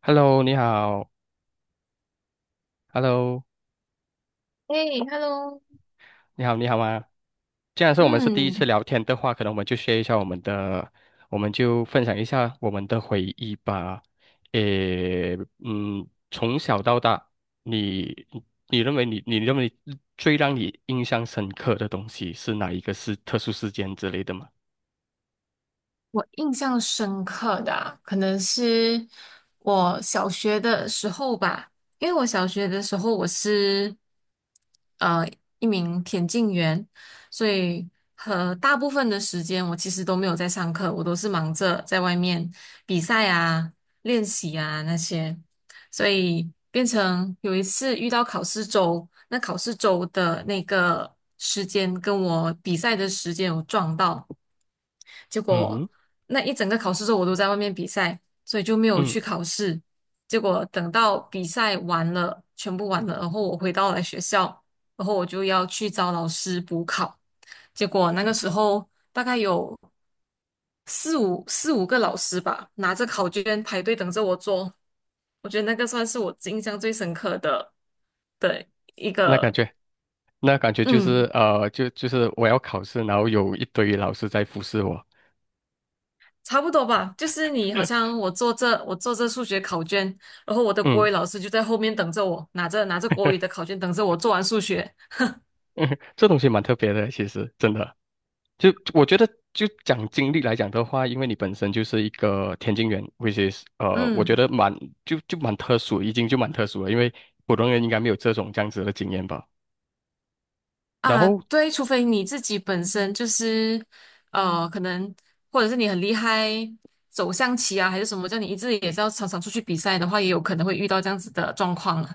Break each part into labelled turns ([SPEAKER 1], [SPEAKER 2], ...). [SPEAKER 1] Hello，你好。Hello，
[SPEAKER 2] 哎，Hello，
[SPEAKER 1] 你好，你好吗？既然是我们是第一次
[SPEAKER 2] 嗯，
[SPEAKER 1] 聊天的话，可能我们就 s 一下我们的，我们就分享一下我们的回忆吧。诶，从小到大，你你认为最让你印象深刻的东西是哪一个，是特殊事件之类的吗？
[SPEAKER 2] 我印象深刻的啊可能是我小学的时候吧。因为我小学的时候我是呃一名田径员，所以和大部分的时间我其实都没有在上课，我都是忙着在外面比赛啊、练习啊那些，所以变成有一次遇到考试周，那考试周的那个时间跟我比赛的时间有撞到。结果
[SPEAKER 1] 嗯
[SPEAKER 2] 那一整个考试周我都在外面比赛，所以就没有
[SPEAKER 1] 嗯，
[SPEAKER 2] 去考试。结果等到比赛完了，全部完了，然后我回到了学校，然后我就要去找老师补考。结果那个时候大概有四五个老师吧，拿着考卷排队等着我做。我觉得那个算是我印象最深刻的的一
[SPEAKER 1] 那感
[SPEAKER 2] 个，
[SPEAKER 1] 觉。那感觉就
[SPEAKER 2] 嗯。
[SPEAKER 1] 是就是我要考试，然后有一堆老师在服侍我。
[SPEAKER 2] 差不多吧，就是你好像 我做这数学考卷，然后我的国
[SPEAKER 1] 嗯。
[SPEAKER 2] 语老师就在后面等着我，拿着国语的考卷等着我做完数学。
[SPEAKER 1] 嗯，这东西蛮特别的，其实真的，就我觉得，就讲经历来讲的话，因为你本身就是一个田径员，which is 我觉
[SPEAKER 2] 嗯。
[SPEAKER 1] 得蛮，就蛮特殊，已经就蛮特殊了，因为普通人应该没有这种这样子的经验吧。然
[SPEAKER 2] 啊，
[SPEAKER 1] 后，
[SPEAKER 2] 对，除非你自己本身就是可能或者是你很厉害走象棋啊，还是什么，叫你一直也是要常常出去比赛的话，也有可能会遇到这样子的状况了。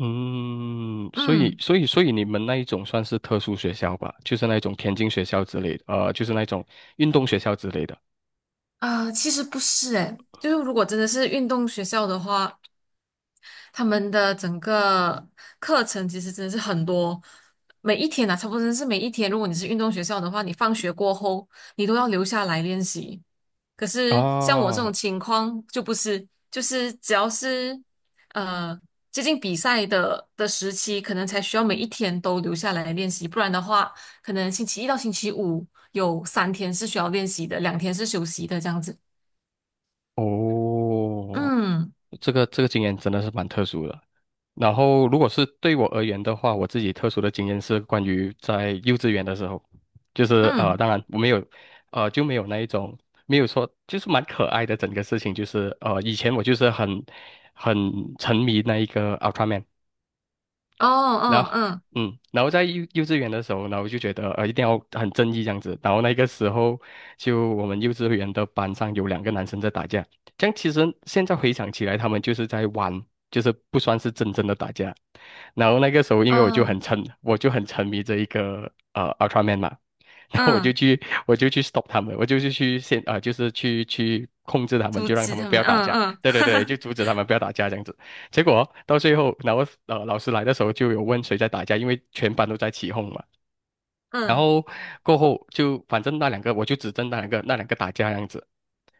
[SPEAKER 1] 嗯，所以
[SPEAKER 2] 嗯，
[SPEAKER 1] 所以所以你们那一种算是特殊学校吧，就是那一种田径学校之类的，就是那种运动学校之类的
[SPEAKER 2] 啊，其实不是诶，就是如果真的是运动学校的话，他们的整个课程其实真的是很多，每一天啊，差不多真的是每一天。如果你是运动学校的话，你放学过后你都要留下来练习。可是像我这
[SPEAKER 1] 啊。
[SPEAKER 2] 种情况就不是，就是只要是呃接近比赛的时期，可能才需要每一天都留下来练习，不然的话，可能星期一到星期五有3天是需要练习的，2天是休息的这样子。
[SPEAKER 1] 哦，
[SPEAKER 2] 嗯
[SPEAKER 1] 这个经验真的是蛮特殊的。然后，如果是对我而言的话，我自己特殊的经验是关于在幼稚园的时候，就是
[SPEAKER 2] 嗯，
[SPEAKER 1] 当然我没有，就没有那一种，没有说，就是蛮可爱的整个事情，就是以前我就是很沉迷那一个 Ultraman，
[SPEAKER 2] 哦
[SPEAKER 1] 然
[SPEAKER 2] 嗯
[SPEAKER 1] 后
[SPEAKER 2] 嗯
[SPEAKER 1] 然后在幼稚园的时候，然后就觉得一定要很正义这样子。然后那个时候，就我们幼稚园的班上有两个男生在打架，这样其实现在回想起来，他们就是在玩，就是不算是真正的打架。然后那个时候，因为我就很
[SPEAKER 2] 嗯
[SPEAKER 1] 沉，我就很沉迷这一个Ultraman 嘛，然后我就
[SPEAKER 2] 嗯。
[SPEAKER 1] 去我就去 stop 他们，我就是去先啊、就是去控制他们，
[SPEAKER 2] 阻
[SPEAKER 1] 就让他
[SPEAKER 2] 止
[SPEAKER 1] 们
[SPEAKER 2] 他
[SPEAKER 1] 不
[SPEAKER 2] 们，
[SPEAKER 1] 要打
[SPEAKER 2] 嗯
[SPEAKER 1] 架。
[SPEAKER 2] 嗯
[SPEAKER 1] 对对对，就阻止他们不要打架这样子。结果到最后，然后老师来的时候就有问谁在打架，因为全班都在起哄嘛。然
[SPEAKER 2] 嗯
[SPEAKER 1] 后过后就反正那两个我就指正那两个打架这样子，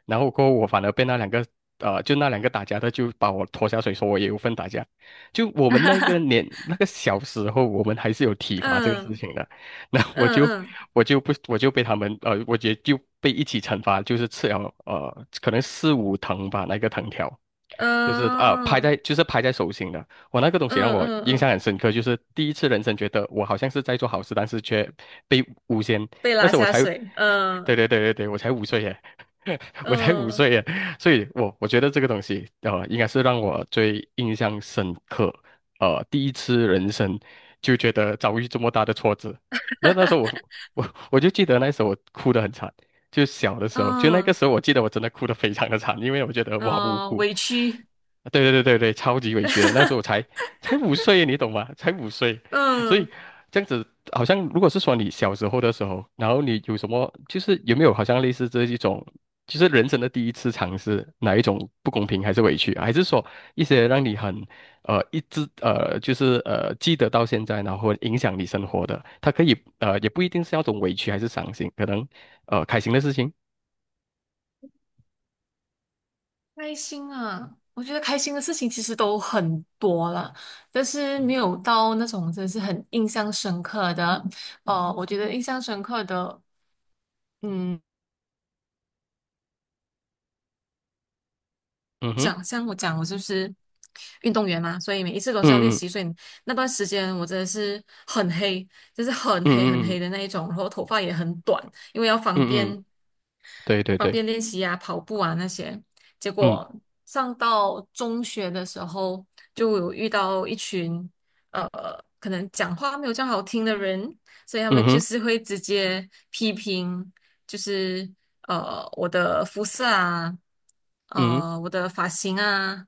[SPEAKER 1] 然后过后我反而被那两个打架的就把我拖下水，说我也有份打架。就我们那个年 那个小时候，我们还是有体罚这个事
[SPEAKER 2] 嗯
[SPEAKER 1] 情的。那我就
[SPEAKER 2] 嗯
[SPEAKER 1] 我就不我就被他们，我也就被一起惩罚，就是吃了可能四五藤吧，那个藤条，
[SPEAKER 2] 嗯
[SPEAKER 1] 就是啊、拍
[SPEAKER 2] 嗯
[SPEAKER 1] 在就是拍在手心的。我那个东西让
[SPEAKER 2] 嗯
[SPEAKER 1] 我
[SPEAKER 2] 嗯
[SPEAKER 1] 印象
[SPEAKER 2] 嗯，
[SPEAKER 1] 很深刻，就是第一次人生觉得我好像是在做好事，但是却被诬陷。
[SPEAKER 2] 被
[SPEAKER 1] 那
[SPEAKER 2] 拉
[SPEAKER 1] 时候我
[SPEAKER 2] 下
[SPEAKER 1] 才，
[SPEAKER 2] 水，
[SPEAKER 1] 对
[SPEAKER 2] 嗯
[SPEAKER 1] 对对对对，我才五岁耶，我才五
[SPEAKER 2] 嗯
[SPEAKER 1] 岁耶，所以我觉得这个东西，应该是让我最印象深刻。第一次人生就觉得遭遇这么大的挫折，那时候我就记得那时候我哭得很惨，就小的时候，就那个
[SPEAKER 2] 嗯
[SPEAKER 1] 时候我记得我真的哭得非常的惨，因为我觉得我好无
[SPEAKER 2] 嗯，
[SPEAKER 1] 辜。
[SPEAKER 2] 委屈，
[SPEAKER 1] 对对对对对，超级委屈的。那时候我才 才五岁，你懂吗？才五岁，所以
[SPEAKER 2] 嗯，
[SPEAKER 1] 这样子好像，如果是说你小时候的时候，然后你有什么，就是有没有好像类似这一种，就是人生的第一次尝试，哪一种不公平还是委屈啊，还是说一些让你很，一直就是记得到现在，然后影响你生活的，它可以也不一定是那种委屈还是伤心，可能开心的事情。
[SPEAKER 2] 开心啊！我觉得开心的事情其实都很多了，但是没
[SPEAKER 1] 嗯，
[SPEAKER 2] 有到那种真的是很印象深刻的。我觉得印象深刻的。嗯。
[SPEAKER 1] 嗯哼，
[SPEAKER 2] 讲像我讲，我就是运动员嘛，所以每一次都是要练
[SPEAKER 1] 嗯嗯
[SPEAKER 2] 习。所以那段时间我真的是很黑，就是很
[SPEAKER 1] 嗯
[SPEAKER 2] 黑很
[SPEAKER 1] 嗯嗯
[SPEAKER 2] 黑的那一种，然后头发也很短，因为要方
[SPEAKER 1] 嗯，嗯嗯，
[SPEAKER 2] 便
[SPEAKER 1] 对对
[SPEAKER 2] 方
[SPEAKER 1] 对。
[SPEAKER 2] 便练习啊、跑步啊那些。结
[SPEAKER 1] 嗯。
[SPEAKER 2] 果上到中学的时候，就有遇到一群呃，可能讲话没有这样好听的人，所以他
[SPEAKER 1] 嗯
[SPEAKER 2] 们就
[SPEAKER 1] 哼，
[SPEAKER 2] 是会直接批评。就是我的肤色啊，
[SPEAKER 1] 嗯
[SPEAKER 2] 我的发型啊、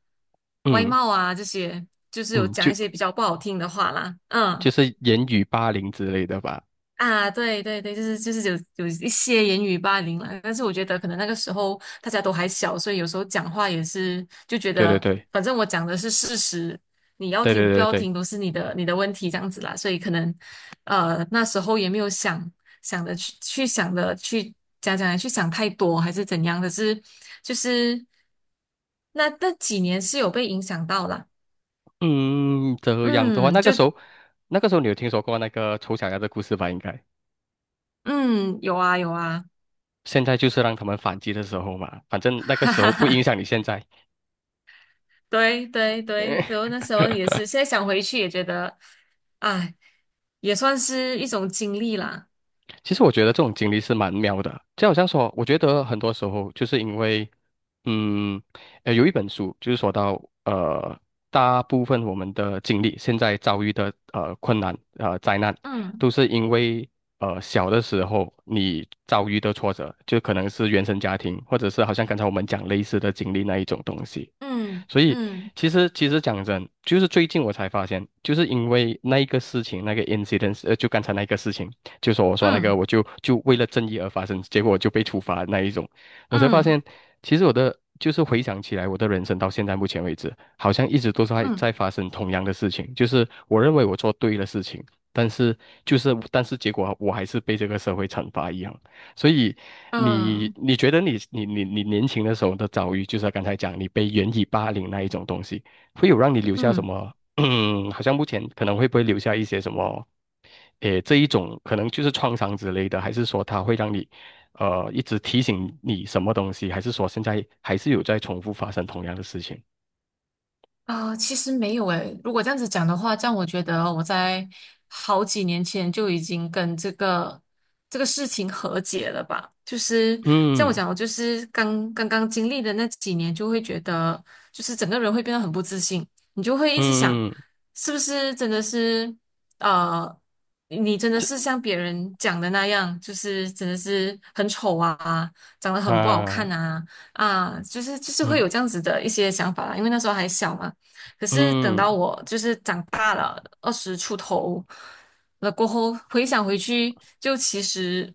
[SPEAKER 2] 外
[SPEAKER 1] 嗯
[SPEAKER 2] 貌啊这些，就是有
[SPEAKER 1] 嗯，
[SPEAKER 2] 讲
[SPEAKER 1] 就
[SPEAKER 2] 一些比较不好听的话啦，
[SPEAKER 1] 就
[SPEAKER 2] 嗯。
[SPEAKER 1] 是言语霸凌之类的吧。
[SPEAKER 2] 啊，对对对，就是有一些言语霸凌了，但是我觉得可能那个时候大家都还小，所以有时候讲话也是就觉
[SPEAKER 1] 对对
[SPEAKER 2] 得，
[SPEAKER 1] 对
[SPEAKER 2] 反正我讲的是事实，你要
[SPEAKER 1] 对对
[SPEAKER 2] 听不
[SPEAKER 1] 对
[SPEAKER 2] 要
[SPEAKER 1] 对。
[SPEAKER 2] 听都是你的问题这样子啦，所以可能那时候也没有想想的去去想的去讲讲来去想太多还是怎样，可是就是那几年是有被影响到啦，
[SPEAKER 1] 嗯，这样的话，
[SPEAKER 2] 嗯，
[SPEAKER 1] 那
[SPEAKER 2] 就
[SPEAKER 1] 个时候，那个时候你有听说过那个丑小鸭的故事吧？应该，
[SPEAKER 2] 嗯，有啊有啊，
[SPEAKER 1] 现在就是让他们反击的时候嘛，反 正那个
[SPEAKER 2] 哈
[SPEAKER 1] 时
[SPEAKER 2] 哈
[SPEAKER 1] 候不影
[SPEAKER 2] 哈。
[SPEAKER 1] 响你现在。
[SPEAKER 2] 对对对，然 后那时候也是，现在想回去也觉得，哎，也算是一种经历啦。
[SPEAKER 1] 其实我觉得这种经历是蛮妙的，就好像说，我觉得很多时候就是因为，嗯，有一本书就是说到，呃，大部分我们的经历，现在遭遇的困难、灾难，
[SPEAKER 2] 嗯
[SPEAKER 1] 都是因为小的时候你遭遇的挫折，就可能是原生家庭，或者是好像刚才我们讲类似的经历那一种东西。
[SPEAKER 2] 嗯
[SPEAKER 1] 所以
[SPEAKER 2] 嗯
[SPEAKER 1] 其实讲真，就是最近我才发现，就是因为那一个事情，那个 incident，就刚才那个事情，就说我说那个，
[SPEAKER 2] 嗯
[SPEAKER 1] 我就为了正义而发生，结果我就被处罚那一种，我才发
[SPEAKER 2] 嗯
[SPEAKER 1] 现，其实我的就是回想起来，我的人生到现在目前为止，好像一直都是在
[SPEAKER 2] 嗯
[SPEAKER 1] 在发生同样的事情，就是我认为我做对了事情，但是结果我还是被这个社会惩罚一样。所以
[SPEAKER 2] 嗯
[SPEAKER 1] 你
[SPEAKER 2] 嗯
[SPEAKER 1] 你觉得你你你你年轻的时候的遭遇，就是刚才讲你被原以霸凌那一种东西，会有让你留下什
[SPEAKER 2] 嗯。
[SPEAKER 1] 么？嗯，好像目前可能会不会留下一些什么？诶，这一种可能就是创伤之类的，还是说它会让你一直提醒你什么东西，还是说现在还是有在重复发生同样的事情？
[SPEAKER 2] 啊、其实没有诶。如果这样子讲的话，这样我觉得哦我在好几年前就已经跟这个事情和解了吧。就是像我
[SPEAKER 1] 嗯
[SPEAKER 2] 讲，我就是刚刚经历的那几年，就会觉得就是整个人会变得很不自信，你就会一直想，
[SPEAKER 1] 嗯，
[SPEAKER 2] 是不是真的是呃，你真的是像别人讲的那样，就是真的是很丑啊，长得很不好看
[SPEAKER 1] 啊，
[SPEAKER 2] 啊。啊，就是会
[SPEAKER 1] 嗯
[SPEAKER 2] 有这样子的一些想法啦，因为那时候还小嘛，可是等
[SPEAKER 1] 嗯，
[SPEAKER 2] 到我就是长大了，20出头了过后，回想回去，就其实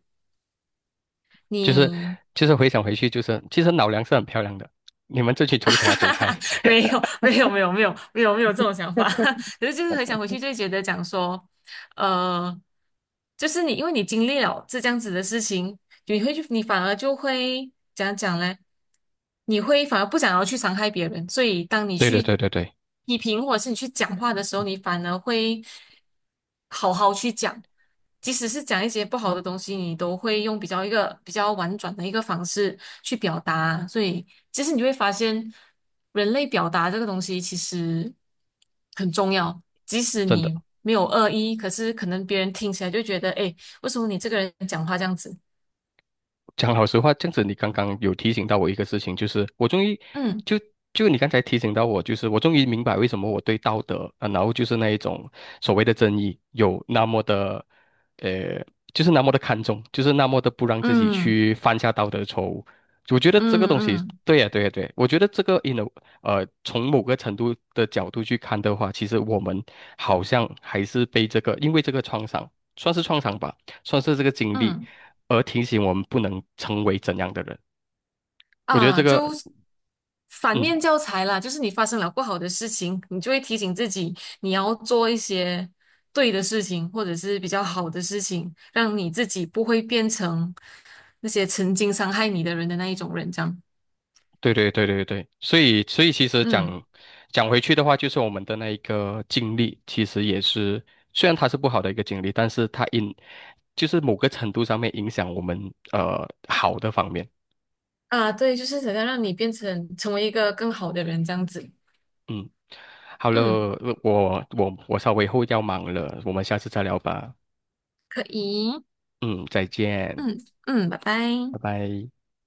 [SPEAKER 1] 就是
[SPEAKER 2] 你
[SPEAKER 1] 就是回想回去，就是其实老梁是很漂亮的，你们这群丑小鸭走开。
[SPEAKER 2] 没有没有没有没有没有没有这种想法，可是就是回想回去就会觉得讲说，呃，就是你因为你经历了这样子的事情，你会去，你反而就会怎样讲呢？你会反而不想要去伤害别人，所以当你
[SPEAKER 1] 对对
[SPEAKER 2] 去
[SPEAKER 1] 对对对，
[SPEAKER 2] 批评或者是你去讲话的时候，你反而会好好去讲，即使是讲一些不好的东西，你都会用比较一个比较婉转的一个方式去表达。所以其实你会发现，人类表达这个东西其实很重要，即使
[SPEAKER 1] 真的。
[SPEAKER 2] 你没有恶意，可是可能别人听起来就觉得，哎，为什么你这个人讲话这样子？
[SPEAKER 1] 讲老实话，这样子你刚刚有提醒到我一个事情，就是我终于
[SPEAKER 2] 嗯。
[SPEAKER 1] 就就你刚才提醒到我，就是我终于明白为什么我对道德啊，然后就是那一种所谓的正义有那么的，呃，就是那么的看重，就是那么的不让自己
[SPEAKER 2] 嗯
[SPEAKER 1] 去犯下道德错误。我觉得
[SPEAKER 2] 嗯
[SPEAKER 1] 这个东西，
[SPEAKER 2] 嗯
[SPEAKER 1] 对呀、对呀、对，我觉得这个 从某个程度的角度去看的话，其实我们好像还是被这个，因为这个创伤，算是创伤吧。算是这个经历，
[SPEAKER 2] 嗯。
[SPEAKER 1] 而提醒我们不能成为怎样的人。我觉得这
[SPEAKER 2] 啊，
[SPEAKER 1] 个，
[SPEAKER 2] 就反
[SPEAKER 1] 嗯，
[SPEAKER 2] 面教材啦，就是你发生了不好的事情，你就会提醒自己，你要做一些对的事情，或者是比较好的事情，让你自己不会变成那些曾经伤害你的人的那一种人，这样。
[SPEAKER 1] 对对对对对，所以其实
[SPEAKER 2] 嗯。
[SPEAKER 1] 讲回去的话，就是我们的那一个经历，其实也是，虽然它是不好的一个经历，但是就是某个程度上面影响我们好的方面。
[SPEAKER 2] 啊，对，就是想要让你成为一个更好的人，这样子。
[SPEAKER 1] 嗯，好了，
[SPEAKER 2] 嗯，
[SPEAKER 1] 我稍微后要忙了，我们下次再聊吧。
[SPEAKER 2] 可以。
[SPEAKER 1] 嗯，再见，
[SPEAKER 2] 嗯嗯，拜拜。
[SPEAKER 1] 拜拜。